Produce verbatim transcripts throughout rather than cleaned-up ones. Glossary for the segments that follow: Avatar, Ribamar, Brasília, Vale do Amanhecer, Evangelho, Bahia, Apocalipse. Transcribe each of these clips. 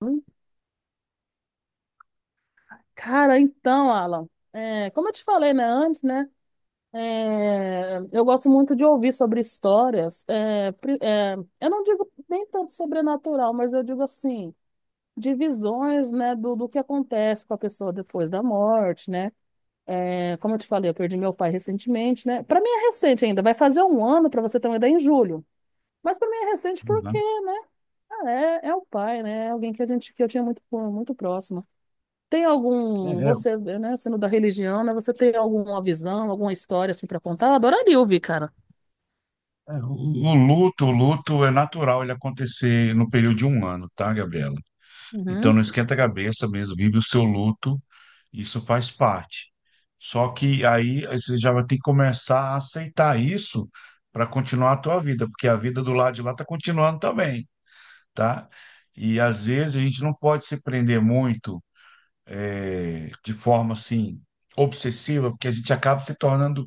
Hum, Cara, então, Alan, é, como eu te falei, né, antes, né, é, eu gosto muito de ouvir sobre histórias, é, pri- é, eu não digo nem tanto sobrenatural, mas eu digo assim, de visões, né, do, do que acontece com a pessoa depois da morte, né, é, como eu te falei, eu perdi meu pai recentemente, né, para mim é recente ainda, vai fazer um ano, para você ter uma ideia, em julho, mas para mim é recente porque, Uhum. né, ah, é, é o pai, né, é alguém que a gente, que eu tinha muito, muito próximo. Tem É, algum, é, você, né, sendo da religião, né, você tem alguma visão, alguma história assim para contar? Eu adoraria ouvir, cara. é, o o luto, o luto é natural ele acontecer no período de um ano, tá, Gabriela? Então Uhum. não esquenta a cabeça mesmo, vive o seu luto, isso faz parte. Só que aí você já vai ter que começar a aceitar isso para continuar a tua vida, porque a vida do lado de lá está continuando também, tá? E às vezes a gente não pode se prender muito é, de forma assim obsessiva, porque a gente acaba se tornando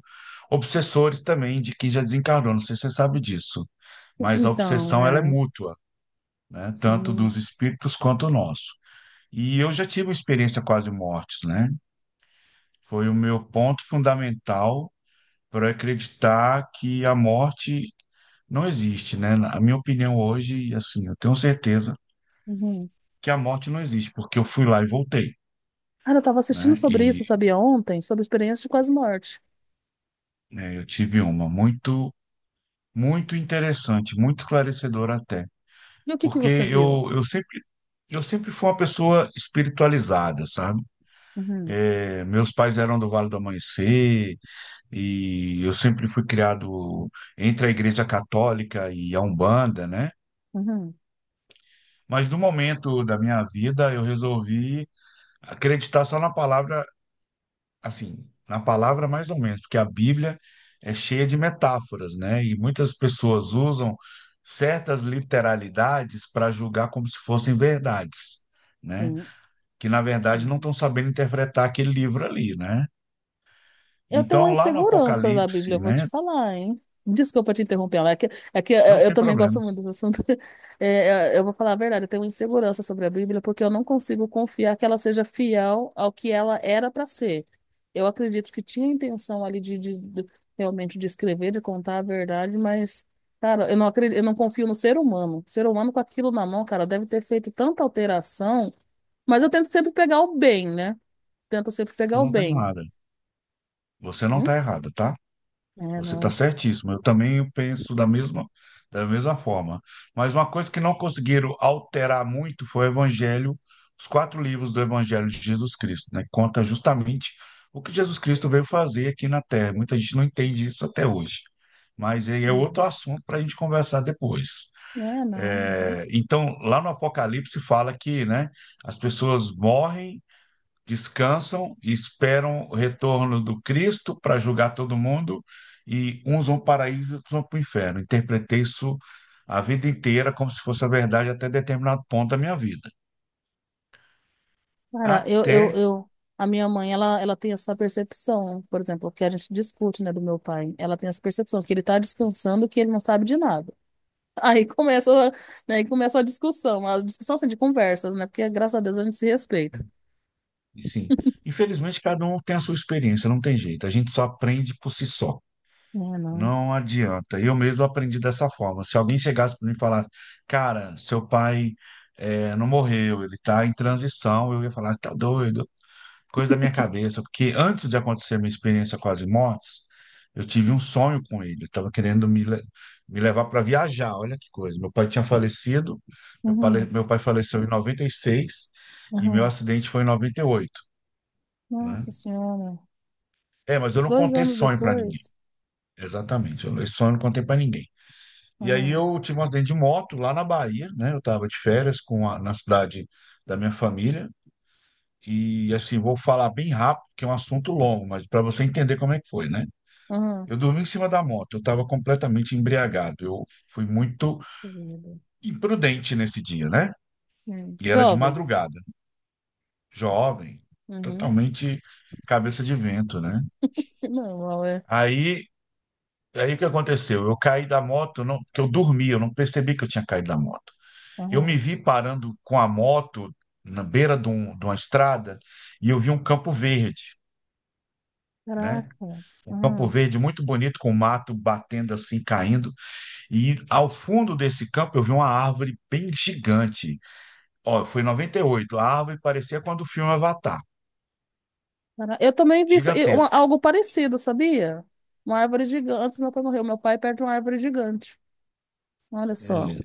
obsessores também de quem já desencarnou. Não sei se você sabe disso, mas a Então, obsessão ela é é, mútua, né? Tanto sim. dos espíritos quanto o nosso. E eu já tive uma experiência quase mortes, né? Foi o meu ponto fundamental para acreditar que a morte não existe, né? Na- A minha opinião hoje, assim, eu tenho certeza Uhum. que a morte não existe, porque eu fui lá e voltei, Cara, eu tava assistindo né? sobre E isso, sabia, ontem, sobre experiência de quase morte. né, eu tive uma muito Muito interessante, muito esclarecedor até, E o que que porque você viu? eu, eu sempre eu sempre fui uma pessoa espiritualizada, sabe? Uhum. É, meus pais eram do Vale do Amanhecer e eu sempre fui criado entre a Igreja Católica e a Umbanda, né? Uhum. Mas no momento da minha vida eu resolvi acreditar só na palavra assim, na palavra mais ou menos, porque a Bíblia é cheia de metáforas, né? E muitas pessoas usam certas literalidades para julgar como se fossem verdades, né? Sim, Que na verdade não sim. estão sabendo interpretar aquele livro ali, né? Eu tenho uma Então, lá no insegurança da Bíblia, eu Apocalipse, vou te né? falar, hein? Desculpa te interromper, Ela, é que, é que eu, Não eu sem também gosto problemas, muito desse assunto. É, é, eu vou falar a verdade, eu tenho uma insegurança sobre a Bíblia porque eu não consigo confiar que ela seja fiel ao que ela era para ser. Eu acredito que tinha a intenção ali de, de- de- realmente de escrever, de contar a verdade, mas, cara, eu não acredito, eu não confio no ser humano. O ser humano com aquilo na mão, cara, deve ter feito tanta alteração, mas eu tento sempre pegar o bem, né? Tento sempre você pegar o não está bem. errada. Você não Hum? está errada, tá? É, Você está não. certíssimo. Eu também penso da mesma, da mesma forma. Mas uma coisa que não conseguiram alterar muito foi o Evangelho, os quatro livros do Evangelho de Jesus Cristo, né? Conta justamente o que Jesus Cristo veio fazer aqui na Terra. Muita gente não entende isso até hoje. Mas aí é outro assunto para a gente conversar depois. É, não. Uhum. É, então, lá no Apocalipse fala que, né, as pessoas morrem, descansam e esperam o retorno do Cristo para julgar todo mundo, e uns vão para o paraíso e outros vão para o inferno. Interpretei isso a vida inteira como se fosse a verdade até determinado ponto da minha vida. Cara, eu, eu, Até, eu, a minha mãe, ela, ela tem essa percepção, por exemplo, que a gente discute, né, do meu pai. Ela tem essa percepção que ele tá descansando, que ele não sabe de nada. Aí começa, né, aí começa a discussão, a discussão assim, de conversas, né, porque graças a Deus a gente se respeita. sim, infelizmente cada um tem a sua experiência, não tem jeito, a gente só aprende por si só. É, não. Não adianta. Eu mesmo aprendi dessa forma. Se alguém chegasse para mim e falasse, cara, seu pai eh, não morreu, ele está em transição, eu ia falar, tá doido, coisa da minha cabeça, porque antes de acontecer a minha experiência com as mortes, eu tive um sonho com ele. Eu estava querendo me, le- me levar para viajar, olha que coisa. Meu pai tinha falecido, meu pai, Uhum, meu pai faleceu em noventa e seis e meu uhum. acidente foi em noventa e oito, né? Nossa Senhora. É, mas eu não Dois contei anos sonho para ninguém. depois. Exatamente, eu, esse sonho eu não contei para ninguém. E aí Uhum, eu tive um acidente de moto lá na Bahia, né? Eu estava de férias com a- na cidade da minha família. E assim, vou falar bem rápido, que é um assunto longo, mas para você entender como é que foi, né? uhum. Eu dormi em cima da moto, eu estava completamente embriagado. Eu fui muito Que medo. imprudente nesse dia, né? Sim. E era de Jovem. madrugada, jovem, Uhum. totalmente cabeça de vento, né? Não, é. Aí, aí o que aconteceu? Eu caí da moto, não, porque eu dormi, eu não percebi que eu tinha caído da moto. Eu me Uhum. vi parando com a moto na beira de, um- de uma estrada, e eu vi um campo verde, né? Caraca. Um campo Uhum. verde muito bonito, com o mato batendo assim, caindo. E ao fundo desse campo eu vi uma árvore bem gigante. Ó, foi em noventa e oito. A árvore parecia quando o filme Avatar. Cara, eu também vi isso- e uma- Gigantesca. algo parecido, sabia? Uma árvore gigante. Antes do meu pai morrer, meu pai perde uma árvore gigante. Olha só. É.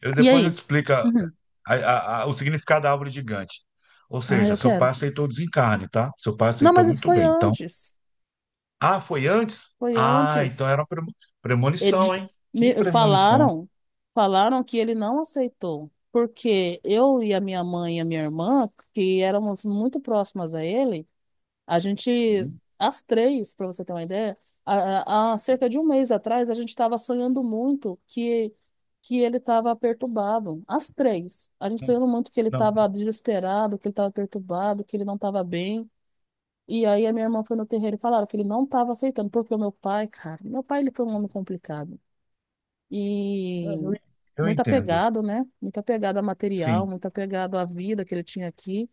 Eu, E Depois eu te aí? explico a- Uhum. a- a- o significado da árvore gigante. Ou Ah, seja, eu seu pai quero. aceitou o desencarne, tá? Seu pai Não, aceitou mas isso muito foi bem. Então, antes. ah, foi antes? Foi Ah, então antes. era uma premo- Edi- premonição, hein? Que me- premonição. Falaram, falaram que ele não aceitou. Porque eu e a minha mãe e a minha irmã, que éramos muito próximas a ele, a gente, Uhum. as três, para você ter uma ideia, há, há há cerca de um mês atrás, a gente estava sonhando muito que, que ele estava perturbado. As três. A gente sonhando muito que ele Não, não. estava desesperado, que ele estava perturbado, que ele não estava bem. E aí a minha irmã foi no terreiro e falaram que ele não estava aceitando, porque o meu pai, cara, meu pai ele foi um homem complicado e Eu, eu muito entendo. apegado, né? Muito apegado a material, Sim, muito apegado à vida que ele tinha aqui.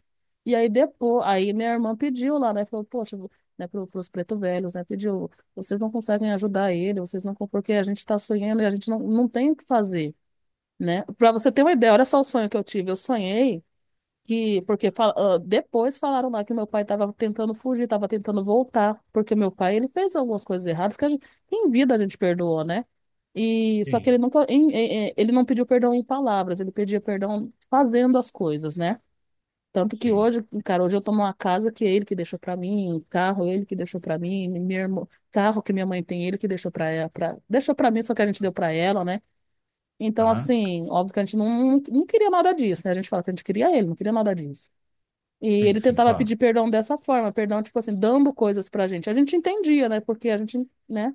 E aí depois, aí minha irmã pediu lá, né? Falou, poxa, vo- né, para os preto velhos, né? Pediu, vocês não conseguem ajudar ele, vocês não, con- porque a gente está sonhando e a gente não, não tem o que fazer, né? Para você ter uma ideia, olha só o sonho que eu tive. Eu sonhei que porque fala- ah, depois falaram lá que meu pai estava tentando fugir, estava tentando voltar, porque meu pai ele fez algumas coisas erradas que a gente, em vida a gente perdoou, né? E só que sim, ele nunca em- em- em- ele não pediu perdão em palavras, ele pedia perdão fazendo as coisas, né? Tanto que sim. hoje, cara, hoje eu tomo uma casa que é ele que deixou pra mim, carro ele que deixou pra mim, minha irmã, carro que minha mãe tem ele que deixou pra ela, pra, deixou pra mim, só que a gente deu pra ela, né? Então, Aham. assim, óbvio que a gente não, não queria nada disso, né? A gente fala que a gente queria ele, não queria nada disso. E Sim, ele sim, tentava pedir claro. perdão dessa forma, perdão, tipo assim, dando coisas pra gente. A gente entendia, né? Porque a gente, né?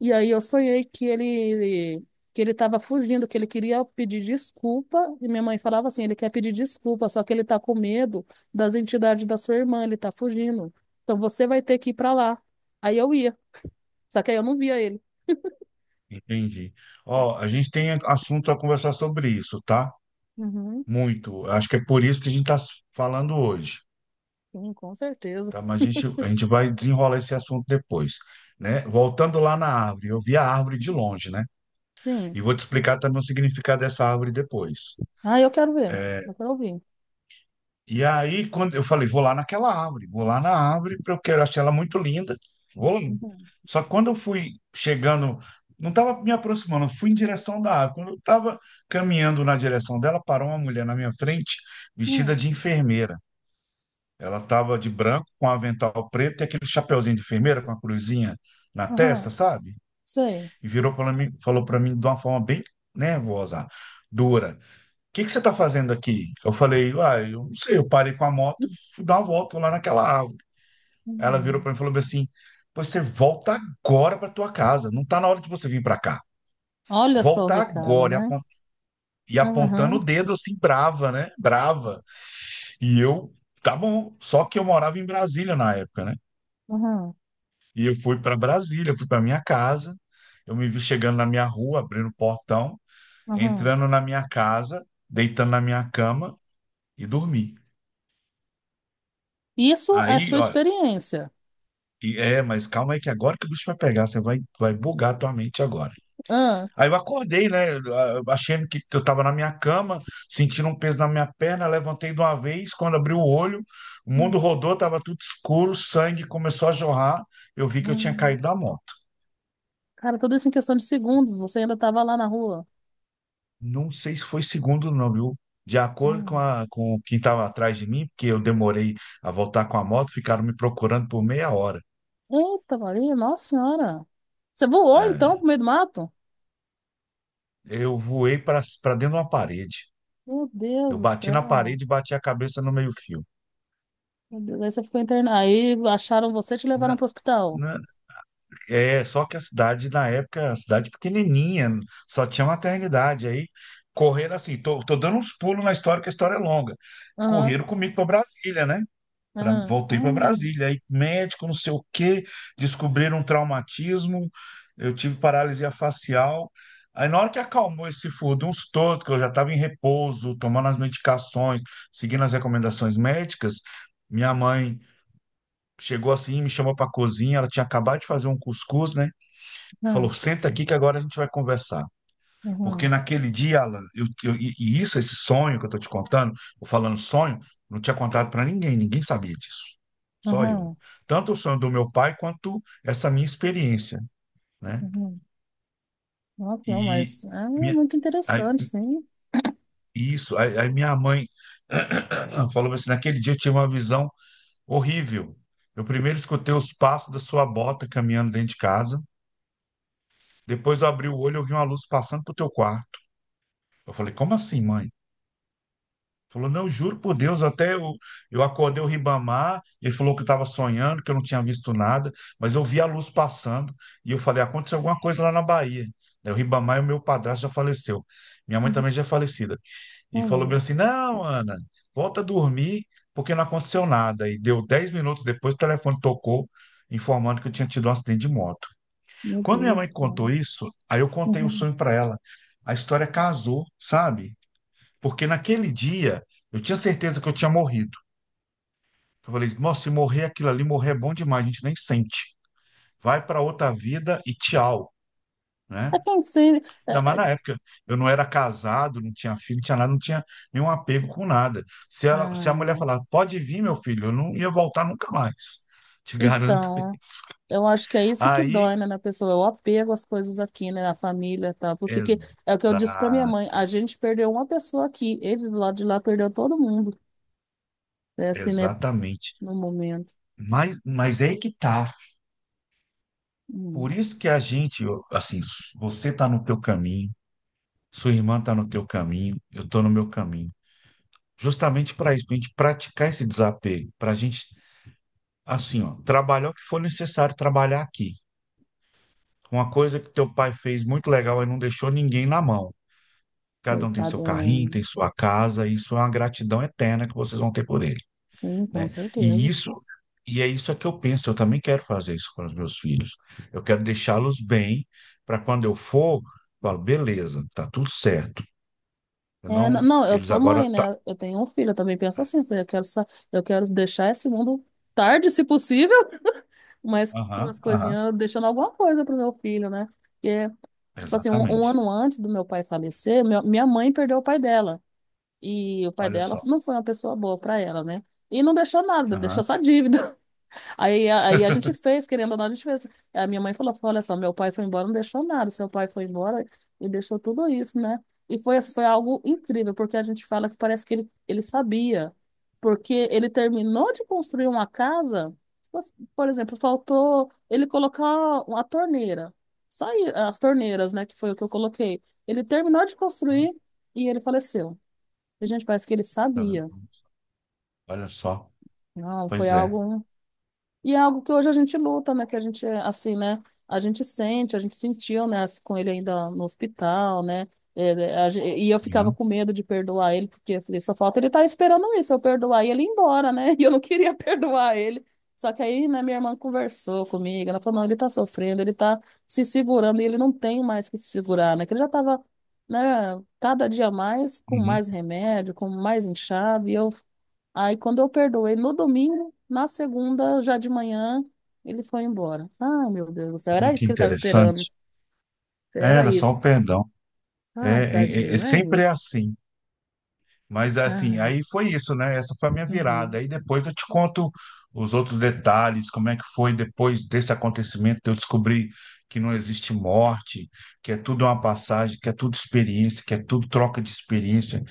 E aí eu sonhei que ele que ele tava fugindo, que ele queria pedir desculpa, e minha mãe falava assim, ele quer pedir desculpa, só que ele tá com medo das entidades da sua irmã, ele tá fugindo. Então você vai ter que ir pra lá. Aí eu ia, só que aí eu não via ele. Entendi. Ó, a gente tem assunto a conversar sobre isso, tá? Uhum, Muito. Acho que é por isso que a gente está falando hoje, sim, com certeza. tá? Mas a gente, a gente vai desenrolar esse assunto depois, né? Voltando lá na árvore, eu vi a árvore de longe, né? E Sim. vou te explicar também o significado dessa árvore depois. Ah, eu quero ver. Eu quero ouvir. E aí, quando eu falei, vou lá naquela árvore, vou lá na árvore, porque eu quero achar ela muito linda. Vou lá. Uhum. Só que quando eu fui chegando, não estava me aproximando, eu fui em direção da árvore. Quando eu estava caminhando na direção dela, parou uma mulher na minha frente, vestida Hum, de enfermeira. Ela estava de branco, com avental preto e aquele chapeuzinho de enfermeira com a cruzinha na testa, aham, sabe? sei. E virou para mim, falou para mim de uma forma bem nervosa, dura: que que você está fazendo aqui? Eu falei, uai, eu não sei, eu parei com a moto e fui dar uma volta lá naquela árvore. Ela virou Uhum. para mim e falou assim: pois você volta agora para tua casa, não tá na hora de você vir para cá. Olha só o Volta recado, agora. E né? Apon- e apontando Aham, o dedo assim, brava, né? Brava. E eu, tá bom. Só que eu morava em Brasília na época, né? aham, E eu fui para Brasília, fui para minha casa. Eu me vi chegando na minha rua, abrindo o portão, aham. entrando na minha casa, deitando na minha cama e dormi. Isso é Aí, sua ó, experiência. E é, mas calma aí que agora que o bicho vai pegar, você vai, vai bugar a tua mente agora. Ah, Aí eu acordei, né? eu- eu- Achando que eu estava na minha cama, sentindo um peso na minha perna, levantei de uma vez, quando abri o olho, o mundo hum, rodou, estava tudo escuro, sangue começou a jorrar, eu vi que eu tinha hum. caído da moto. Cara, tudo isso em questão de segundos. Você ainda estava lá na rua. Não sei se foi segundo não, viu? De acordo com, Hum. a, com quem estava atrás de mim, porque eu demorei a voltar com a moto, ficaram me procurando por meia hora. Eita, Maria, Nossa Senhora. Você voou então É, pro meio do mato? eu voei para para dentro de uma parede. Meu Deus Eu do bati na céu. parede e bati a cabeça no meio-fio. Meu Deus, aí você ficou internado. Aí acharam você e te levaram Na- pro hospital. na- É, só que a cidade, na época, a cidade pequenininha, só tinha maternidade. Aí, correram assim, tô, tô dando uns pulos na história, que a história é longa. Aham, Correram comigo para Brasília, né? Pra- aham. Voltei para Ah, Brasília. Aí, médico, não sei o quê, descobriram um traumatismo, eu tive paralisia facial. Aí, na hora que acalmou esse furdunço todo, que eu já estava em repouso, tomando as medicações, seguindo as recomendações médicas, minha mãe. Chegou assim, me chamou para a cozinha. Ela tinha acabado de fazer um cuscuz, né? E falou: aham, senta aqui que agora a gente vai conversar. Porque aham, naquele dia, Alan, eu, eu- e e isso, esse sonho que eu tô te contando, ou falando sonho, não tinha contado para ninguém, ninguém sabia disso. Só eu. aham. Tanto o sonho do meu pai quanto essa minha experiência, né? Aham. Nossa, não, E mas é minha, muito aí- interessante, sim. isso, aí, aí Minha mãe falou assim: naquele dia eu tive uma visão horrível. Eu primeiro escutei os passos da sua bota caminhando dentro de casa. Depois eu abri o olho, eu vi uma luz passando pro teu quarto. Eu falei, como assim, mãe? Falou, não, eu juro por Deus, até eu, eu acordei o Ribamar, ele falou que eu estava sonhando, que eu não tinha visto nada, mas eu vi a luz passando, e eu falei, aconteceu alguma coisa lá na Bahia. Daí o Ribamar, e o meu padrasto já faleceu. Minha mãe Uhum. também já é falecida. E Oh, meu falou bem Deus. assim, não, Ana, volta a dormir, porque não aconteceu nada. E deu dez minutos depois, o telefone tocou, informando que eu tinha tido um acidente de moto. Meu Quando minha Deus, mãe contou cara. isso, aí eu contei o Uhum. sonho para ela. A história casou, sabe? Porque naquele dia eu tinha certeza que eu tinha morrido. Eu falei, nossa, se morrer aquilo ali, morrer é bom demais, a gente nem sente. Vai para outra vida e tchau, É né? que em si, Ainda é- mais é- na época, eu não era casado, não tinha filho, não tinha nada, não tinha nenhum apego com nada. Se ela, se a mulher ah, falar, pode vir, meu filho, eu não ia voltar nunca mais. Te garanto então, isso. eu acho que é isso que Aí, dói, né, na pessoa, é o apego às coisas aqui, né, na família, e tal. Porque que, é o que eu exa- disse pra minha mãe, a gente perdeu uma pessoa aqui, ele do lado de lá perdeu todo mundo, é assim, né, exatamente. no momento. Mas, mas é aí que tá. Hum, Por isso que a gente, eu- assim, s- você tá no teu caminho, sua irmã tá no teu caminho, eu tô no meu caminho. Justamente para isso, para a gente praticar esse desapego, para a gente, assim, ó, trabalhar o que for necessário trabalhar aqui. Uma coisa que teu pai fez muito legal é não deixou ninguém na mão. Cada um tem coitada, seu carrinho, é, tem sua casa, e isso é uma gratidão eterna que vocês vão ter por ele. sim, com Né? E certeza. Isso, e é isso que eu penso, eu também quero fazer isso com os meus filhos. Eu quero deixá-los bem para quando eu for, eu falo, beleza, tá tudo certo. Eu É, n- não, não, eu eles sou agora mãe, tá, né, eu tenho um filho, eu também penso assim, eu quero, sa- eu quero deixar esse mundo tarde, se possível, mas com as aham, aham, coisinhas, deixando alguma coisa pro meu filho, né? Porque, tipo assim, um, um exatamente. ano antes do meu pai falecer, meu- minha mãe perdeu o pai dela. E o pai Olha dela só. não foi uma pessoa boa para ela, né? E não deixou nada, deixou Aham. só dívida. Aí, a- aí a gente fez, querendo ou não, a gente fez. A minha mãe falou, falou, olha só, meu pai foi embora, não deixou nada. Seu pai foi embora e deixou tudo isso, né? E foi, assim, foi algo incrível, porque a gente fala que parece que ele, ele sabia. Porque ele terminou de construir uma casa, mas, por exemplo, faltou ele colocar uma torneira. Só aí, as torneiras, né, que foi o que eu coloquei. Ele terminou de construir e ele faleceu. E, gente, parece que ele Tá vendo? sabia. Olha só. Não, foi Pois é. algo. E é algo que hoje a gente luta, né? Que a gente, assim, né? A gente sente, a gente sentiu, né? Assim, com ele ainda no hospital, né? é, é, a gen- E eu ficava Aham. com medo de perdoar ele, porque eu falei, só falta ele estar esperando isso, eu perdoar e ele ir embora, né? E eu não queria perdoar ele. Só que aí, né, minha irmã conversou comigo, ela falou, não, ele tá sofrendo, ele tá se segurando e ele não tem mais que se segurar, né? Que ele já tava, né, cada dia mais com Uhum. mais remédio, com mais inchado, e eu. Aí, quando eu perdoei, no domingo, na segunda, já de manhã, ele foi embora. Ah, meu Deus do céu, Olha, era isso que que ele estava interessante. esperando. É, Era era só o isso. perdão. É, Ai, é, é é tadinho, é sempre isso. assim. Mas assim, Ai, aí foi isso, né? Essa foi a minha uhum, virada. Aí depois eu te conto os outros detalhes, como é que foi depois desse acontecimento, de eu descobri que não existe morte, que é tudo uma passagem, que é tudo experiência, que é tudo troca de experiência,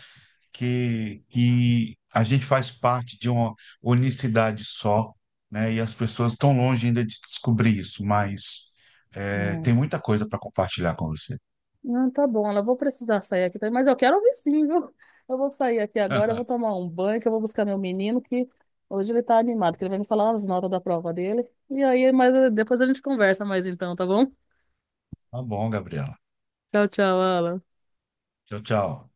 que, que a gente faz parte de uma unicidade só, né? E as pessoas estão longe ainda de descobrir isso, mas é, tem uhum. muita coisa para compartilhar com você. Não, tá bom, ela vou precisar sair aqui, também, mas eu quero ouvir sim, viu? Eu vou sair aqui agora, eu vou tomar um banho, que eu vou buscar meu menino, que hoje ele tá animado, que ele vai me falar as notas da prova dele. E aí, mas eh, depois a gente conversa mais então, tá bom? Tá bom, Gabriela. Tchau, tchau, Alan. Tchau, tchau.